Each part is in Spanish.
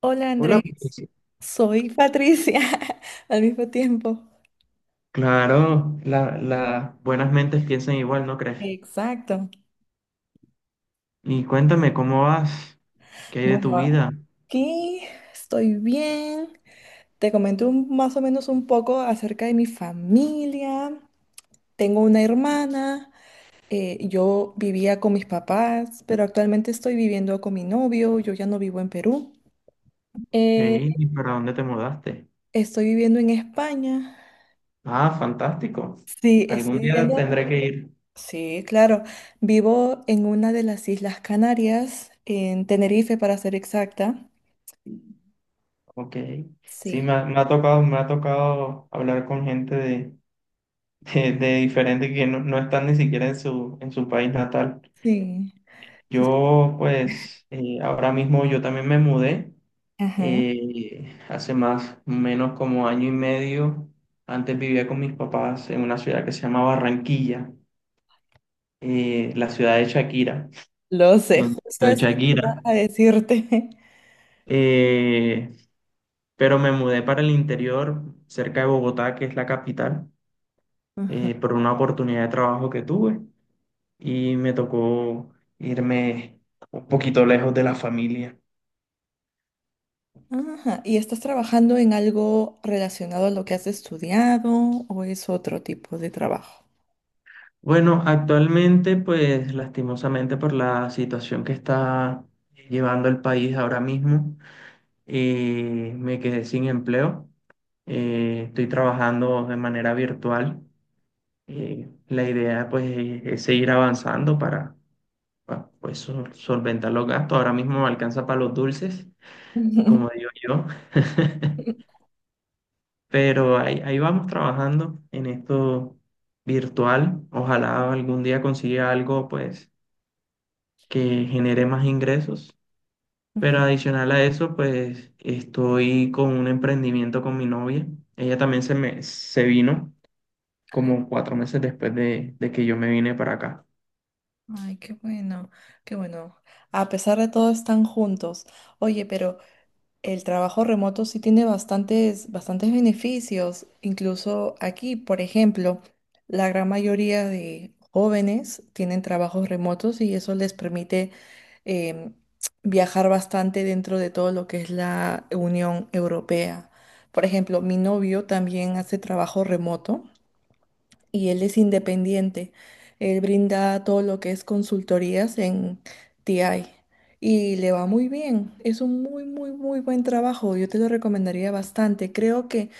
Hola Hola, Andrés, Patricia. soy Patricia al mismo tiempo. Claro, las buenas mentes piensan igual, ¿no crees? Exacto. Y cuéntame, ¿cómo vas? ¿Qué hay de Bueno, tu vida? aquí estoy bien. Te comento más o menos un poco acerca de mi familia. Tengo una hermana. Yo vivía con mis papás, pero actualmente estoy viviendo con mi novio. Yo ya no vivo en Perú. Eh, ¿Y para dónde te mudaste? Estoy viviendo en España. Ah, fantástico. Sí, estoy Algún día viviendo. tendré que ir. Sí, claro. Vivo en una de las Islas Canarias, en Tenerife para ser exacta. Ok. Sí, Sí, me ha tocado hablar con gente de, de diferente que no, no están ni siquiera en en su país natal. sí. Yo, pues, ahora mismo yo también me mudé. Ajá. Hace más o menos como año y medio, antes vivía con mis papás en una ciudad que se llama Barranquilla, la ciudad de Shakira, Lo sé, donde justo de eso iba Shakira. a decirte. Eh, pero me mudé para el interior, cerca de Bogotá, que es la capital, Ajá. por una oportunidad de trabajo que tuve y me tocó irme un poquito lejos de la familia. Ajá. ¿Y estás trabajando en algo relacionado a lo que has estudiado o es otro tipo de trabajo? Bueno, actualmente, pues lastimosamente por la situación que está llevando el país ahora mismo, me quedé sin empleo. Estoy trabajando de manera virtual. La idea, pues, es seguir avanzando para, pues, solventar los gastos. Ahora mismo me alcanza para los dulces, como digo yo. Pero ahí vamos trabajando en esto virtual. Ojalá algún día consiga algo, pues que genere más ingresos. Pero adicional a eso, pues estoy con un emprendimiento con mi novia. Ella también se vino como cuatro meses después de que yo me vine para acá. Ay, qué bueno, qué bueno. A pesar de todo, están juntos. Oye, pero el trabajo remoto sí tiene bastantes, bastantes beneficios. Incluso aquí, por ejemplo, la gran mayoría de jóvenes tienen trabajos remotos y eso les permite em, viajar bastante dentro de todo lo que es la Unión Europea. Por ejemplo, mi novio también hace trabajo remoto y él es independiente. Él brinda todo lo que es consultorías en TI y le va muy bien. Es un muy, muy, muy buen trabajo. Yo te lo recomendaría bastante. Creo que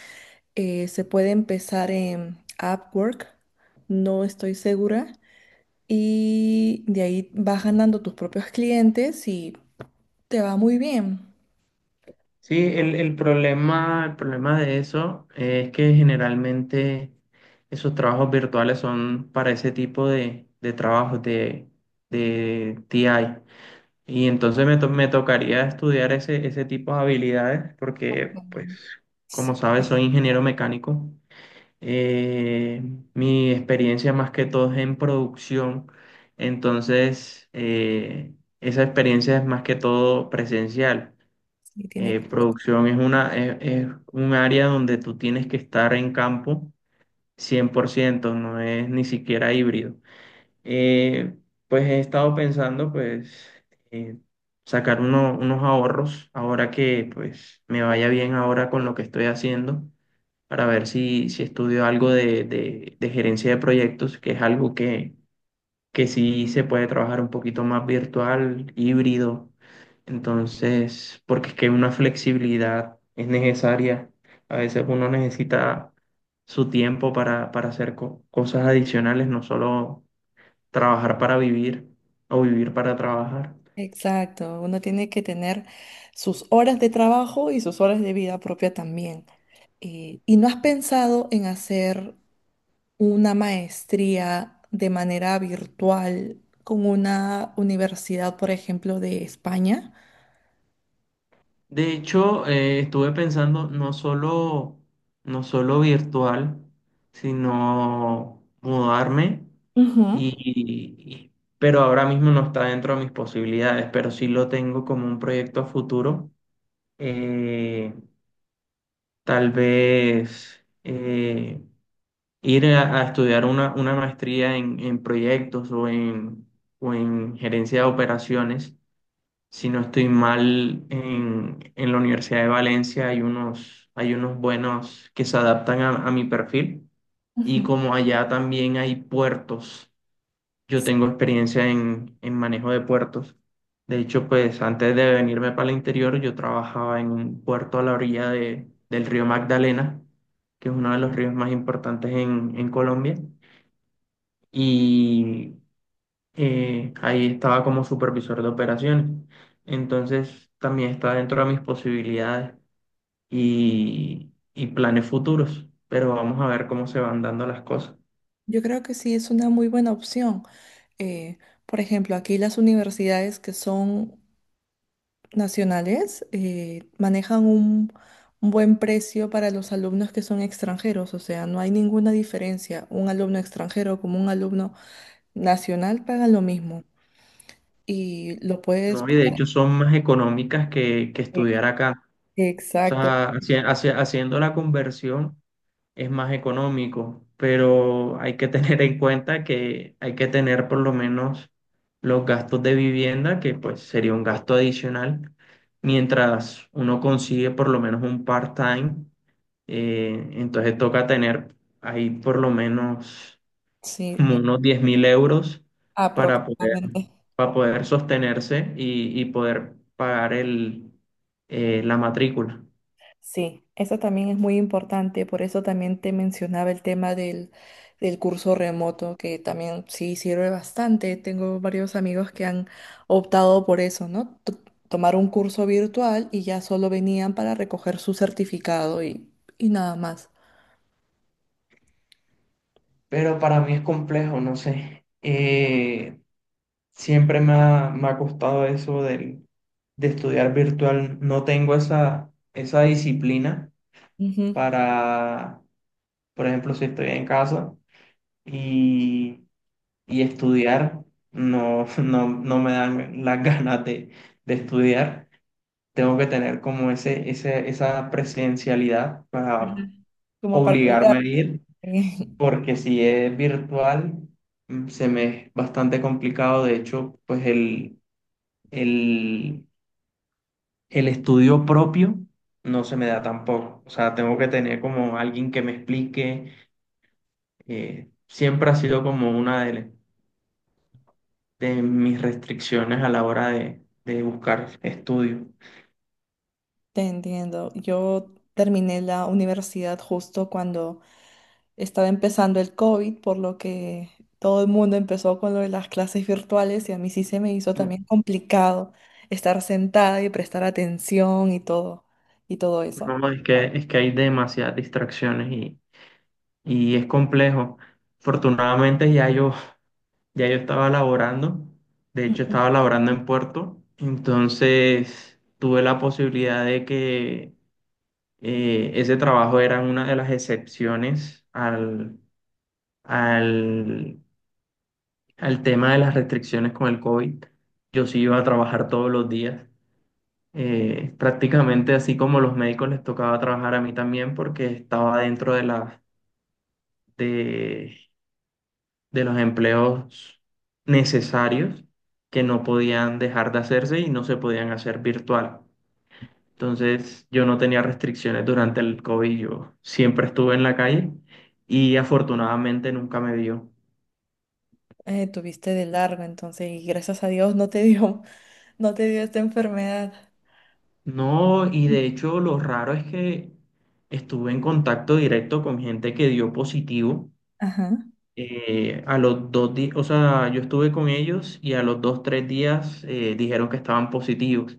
se puede empezar en Upwork, no estoy segura, y de ahí vas ganando tus propios clientes y te va muy bien. Sí, el problema de eso es que generalmente esos trabajos virtuales son para ese tipo de trabajos de TI. Y entonces me tocaría estudiar ese, ese tipo de habilidades porque, pues, como Sí, sabes, soy ingeniero mecánico. Eh, mi experiencia más que todo es en producción. Entonces, esa experiencia es más que todo presencial. sí, tiene que- Producción es una, es un área donde tú tienes que estar en campo cien por ciento, no es ni siquiera híbrido. Eh, pues he estado pensando, pues, eh, sacar unos ahorros ahora que, pues, me vaya bien ahora con lo que estoy haciendo, para ver si, si estudio algo de, de gerencia de proyectos, que es algo que sí se puede trabajar un poquito más virtual, híbrido. Entonces, porque es que una flexibilidad es necesaria. A veces uno necesita su tiempo para hacer cosas adicionales, no solo trabajar para vivir o vivir para trabajar. Exacto, uno tiene que tener sus horas de trabajo y sus horas de vida propia también. ¿Y no has pensado en hacer una maestría de manera virtual con una universidad, por ejemplo, de España? De hecho, estuve pensando no solo, no solo virtual, sino mudarme y, Ujú, y- pero ahora mismo no está dentro de mis posibilidades, pero sí lo tengo como un proyecto a futuro. Eh, tal vez ir a estudiar una maestría en proyectos o en gerencia de operaciones. Si no estoy mal, en la Universidad de Valencia hay unos buenos que se adaptan a mi perfil, y ujú. como allá también hay puertos, yo tengo experiencia en manejo de puertos. De hecho, pues antes de venirme para el interior, yo trabajaba en un puerto a la orilla del río Magdalena, que es uno de los ríos más importantes en Colombia. Y ahí estaba como supervisor de operaciones. Entonces, también está dentro de mis posibilidades y planes futuros, pero vamos a ver cómo se van dando las cosas, Yo creo que sí es una muy buena opción. Eh, por ejemplo, aquí las universidades que son nacionales manejan un buen precio para los alumnos que son extranjeros, o sea, no hay ninguna diferencia. Un alumno extranjero como un alumno nacional pagan lo mismo. Y lo puedes... ¿no? Y de hecho son más económicas que Ex- estudiar acá. O Exacto, sea, haciendo la conversión es más económico, pero hay que tener en cuenta que hay que tener por lo menos los gastos de vivienda, que pues sería un gasto adicional, mientras uno consigue por lo menos un part-time, entonces toca tener ahí por lo menos sí, como unos 10.000 euros para poder, aproximadamente. para poder sostenerse y poder pagar la matrícula. Sí, eso también es muy importante, por eso también te mencionaba el tema del curso remoto, que también sí sirve bastante. Tengo varios amigos que han optado por eso, ¿no? To- tomar un curso virtual y ya solo venían para recoger su certificado y nada más. Pero para mí es complejo, no sé. Siempre me ha costado eso del, de estudiar virtual. No tengo esa, esa disciplina Ujú. para, por ejemplo, si estoy en casa y, y estudiar, no, no, no me dan las ganas de estudiar. Tengo que tener como ese, esa presencialidad para Ujú. Como para obligarme a olvidar. ir. Porque si es virtual, se me es bastante complicado. De hecho, pues el, el estudio propio no se me da tampoco. O sea, tengo que tener como alguien que me explique. Siempre ha sido como una de mis restricciones a la hora de buscar estudio. Te entiendo. Yo terminé la universidad justo cuando estaba empezando el COVID, por lo que todo el mundo empezó con lo de las clases virtuales y a mí sí se me hizo Mm, también complicado estar sentada y prestar atención y todo eso. No, es que hay demasiadas distracciones y es complejo. Afortunadamente ya yo estaba laborando, de hecho Ujú. estaba laborando en Puerto, entonces tuve la posibilidad de que ese trabajo era una de las excepciones al, al, al tema de las restricciones con el COVID. Yo sí iba a trabajar todos los días, prácticamente así como los médicos les tocaba trabajar, a mí también porque estaba dentro de las... de los empleos necesarios que no podían dejar de hacerse y no se podían hacer virtual. Entonces, yo no tenía restricciones durante el COVID, yo siempre estuve en la calle y afortunadamente nunca me dio. Tuviste de largo, entonces, y gracias a Dios no te dio, no te dio esta enfermedad. No, y Ujú. de hecho lo raro es que estuve en contacto directo con gente que dio positivo. Ajá. A los dos días, o sea, yo estuve con ellos y a los dos, tres días dijeron que estaban positivos.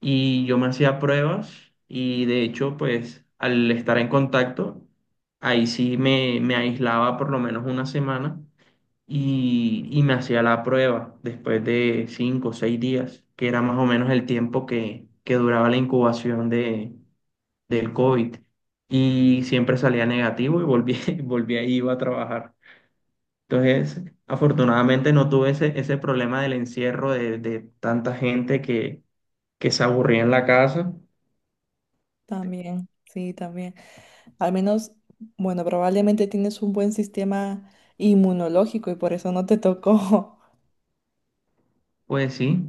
Y yo me hacía pruebas y de hecho, pues al estar en contacto, ahí sí me aislaba por lo menos una semana y me hacía la prueba después de cinco o seis días, que era más o menos el tiempo que duraba la incubación de, del COVID. Y siempre salía negativo y volví, volví ahí iba a trabajar. Entonces, afortunadamente no tuve ese, ese problema del encierro de tanta gente que se aburría en la casa. También, sí, también. Al menos, bueno, probablemente tienes un buen sistema inmunológico y por eso no te tocó. Pues sí,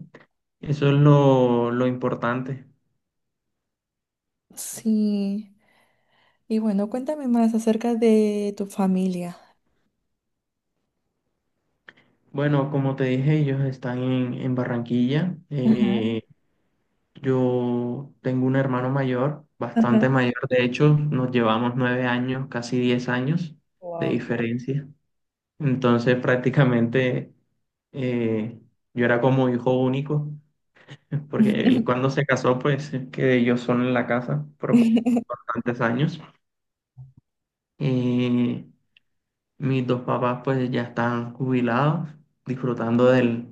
eso es lo importante. Sí. Y bueno, cuéntame más acerca de tu familia. Bueno, como te dije, ellos están en Barranquilla. Ajá, Yo tengo un hermano mayor, bastante ajá. mayor. De hecho, nos llevamos nueve años, casi diez años de Wow. diferencia. Entonces, prácticamente eh, yo era como hijo único, porque él cuando se casó, pues quedé yo solo en la casa por bastantes años. Eh, Mis dos papás pues ya están jubilados, disfrutando del,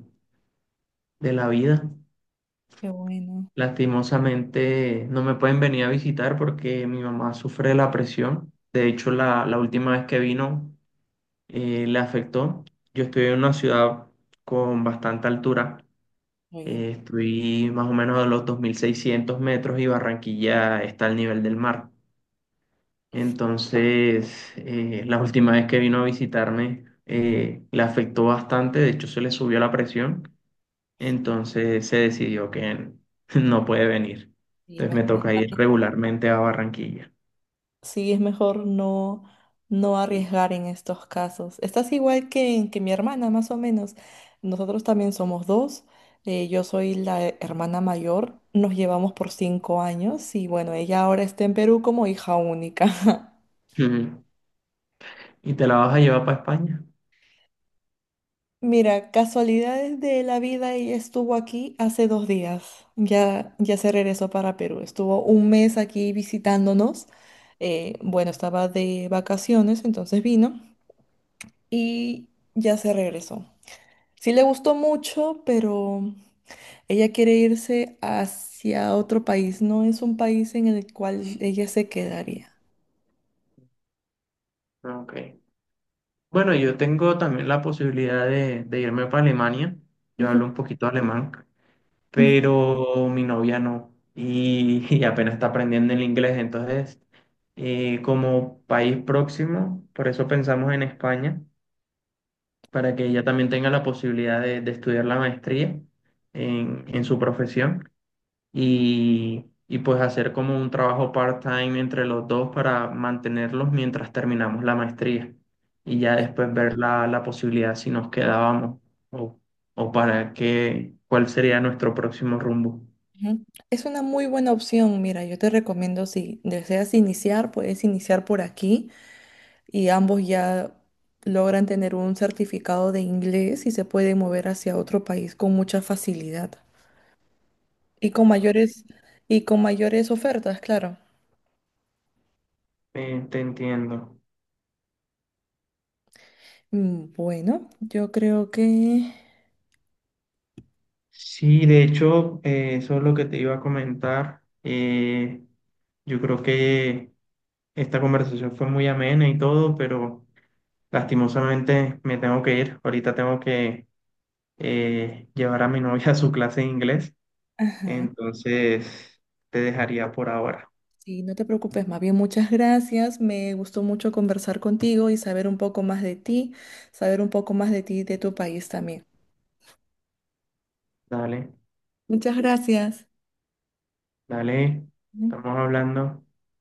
de la vida. Qué bueno. Lastimosamente no me pueden venir a visitar porque mi mamá sufre de la presión. De hecho, la última vez que vino le afectó. Yo estoy en una ciudad con bastante altura. Muy bien. Estoy más o menos a los 2.600 metros y Barranquilla está al nivel del mar. Entonces, la última vez que vino a visitarme, le afectó bastante, de hecho se le subió la presión, entonces se decidió que no puede venir. Sí. Entonces me toca ir regularmente a Barranquilla. Sí, es mejor no arriesgar en estos casos. Estás igual que mi hermana, más o menos. Nosotros también somos dos. Yo soy la hermana mayor. Nos llevamos por 5 años y bueno, ella ahora está en Perú como hija única. Ujú. ¿Y te la vas a llevar para España? Mira, casualidades de la vida, ella estuvo aquí hace 2 días. Ya, ya se regresó para Perú. Estuvo 1 mes aquí visitándonos. Bueno, estaba de vacaciones, entonces vino y ya se regresó. Sí le gustó mucho, pero ella quiere irse hacia otro país. No es un país en el cual ella se quedaría. Ah, ok. Bueno, yo tengo también la posibilidad de irme para Alemania. Yo Ujú, hablo un poquito alemán, ujú. pero mi novia no. Y, y apenas está aprendiendo el inglés, entonces como país próximo, por eso pensamos en España, para que ella también tenga la posibilidad de estudiar la maestría en su profesión y pues hacer como un trabajo part-time entre los dos para mantenerlos mientras terminamos la maestría y ya después ver la, la posibilidad si nos quedábamos o, o para qué, cuál sería nuestro próximo rumbo. Ujú. Es una muy buena opción. Mira, yo te recomiendo si deseas iniciar, puedes iniciar por aquí y ambos ya logran tener un certificado de inglés y se pueden mover hacia otro país con mucha facilidad y con mayores y con mayores ofertas, claro. Te entiendo. Mm, bueno, yo creo que Sí, de hecho, eso es lo que te iba a comentar. Yo creo que esta conversación fue muy amena y todo, pero lastimosamente me tengo que ir. Ahorita tengo que llevar a mi novia a su clase de inglés. Ajá. Entonces, te dejaría por ahora. Sí, no te preocupes, más bien muchas gracias. Me gustó mucho conversar contigo y saber un poco más de ti, saber un poco más de ti y de tu país también. Dale, Muchas gracias. dale, Ujú. estamos hablando.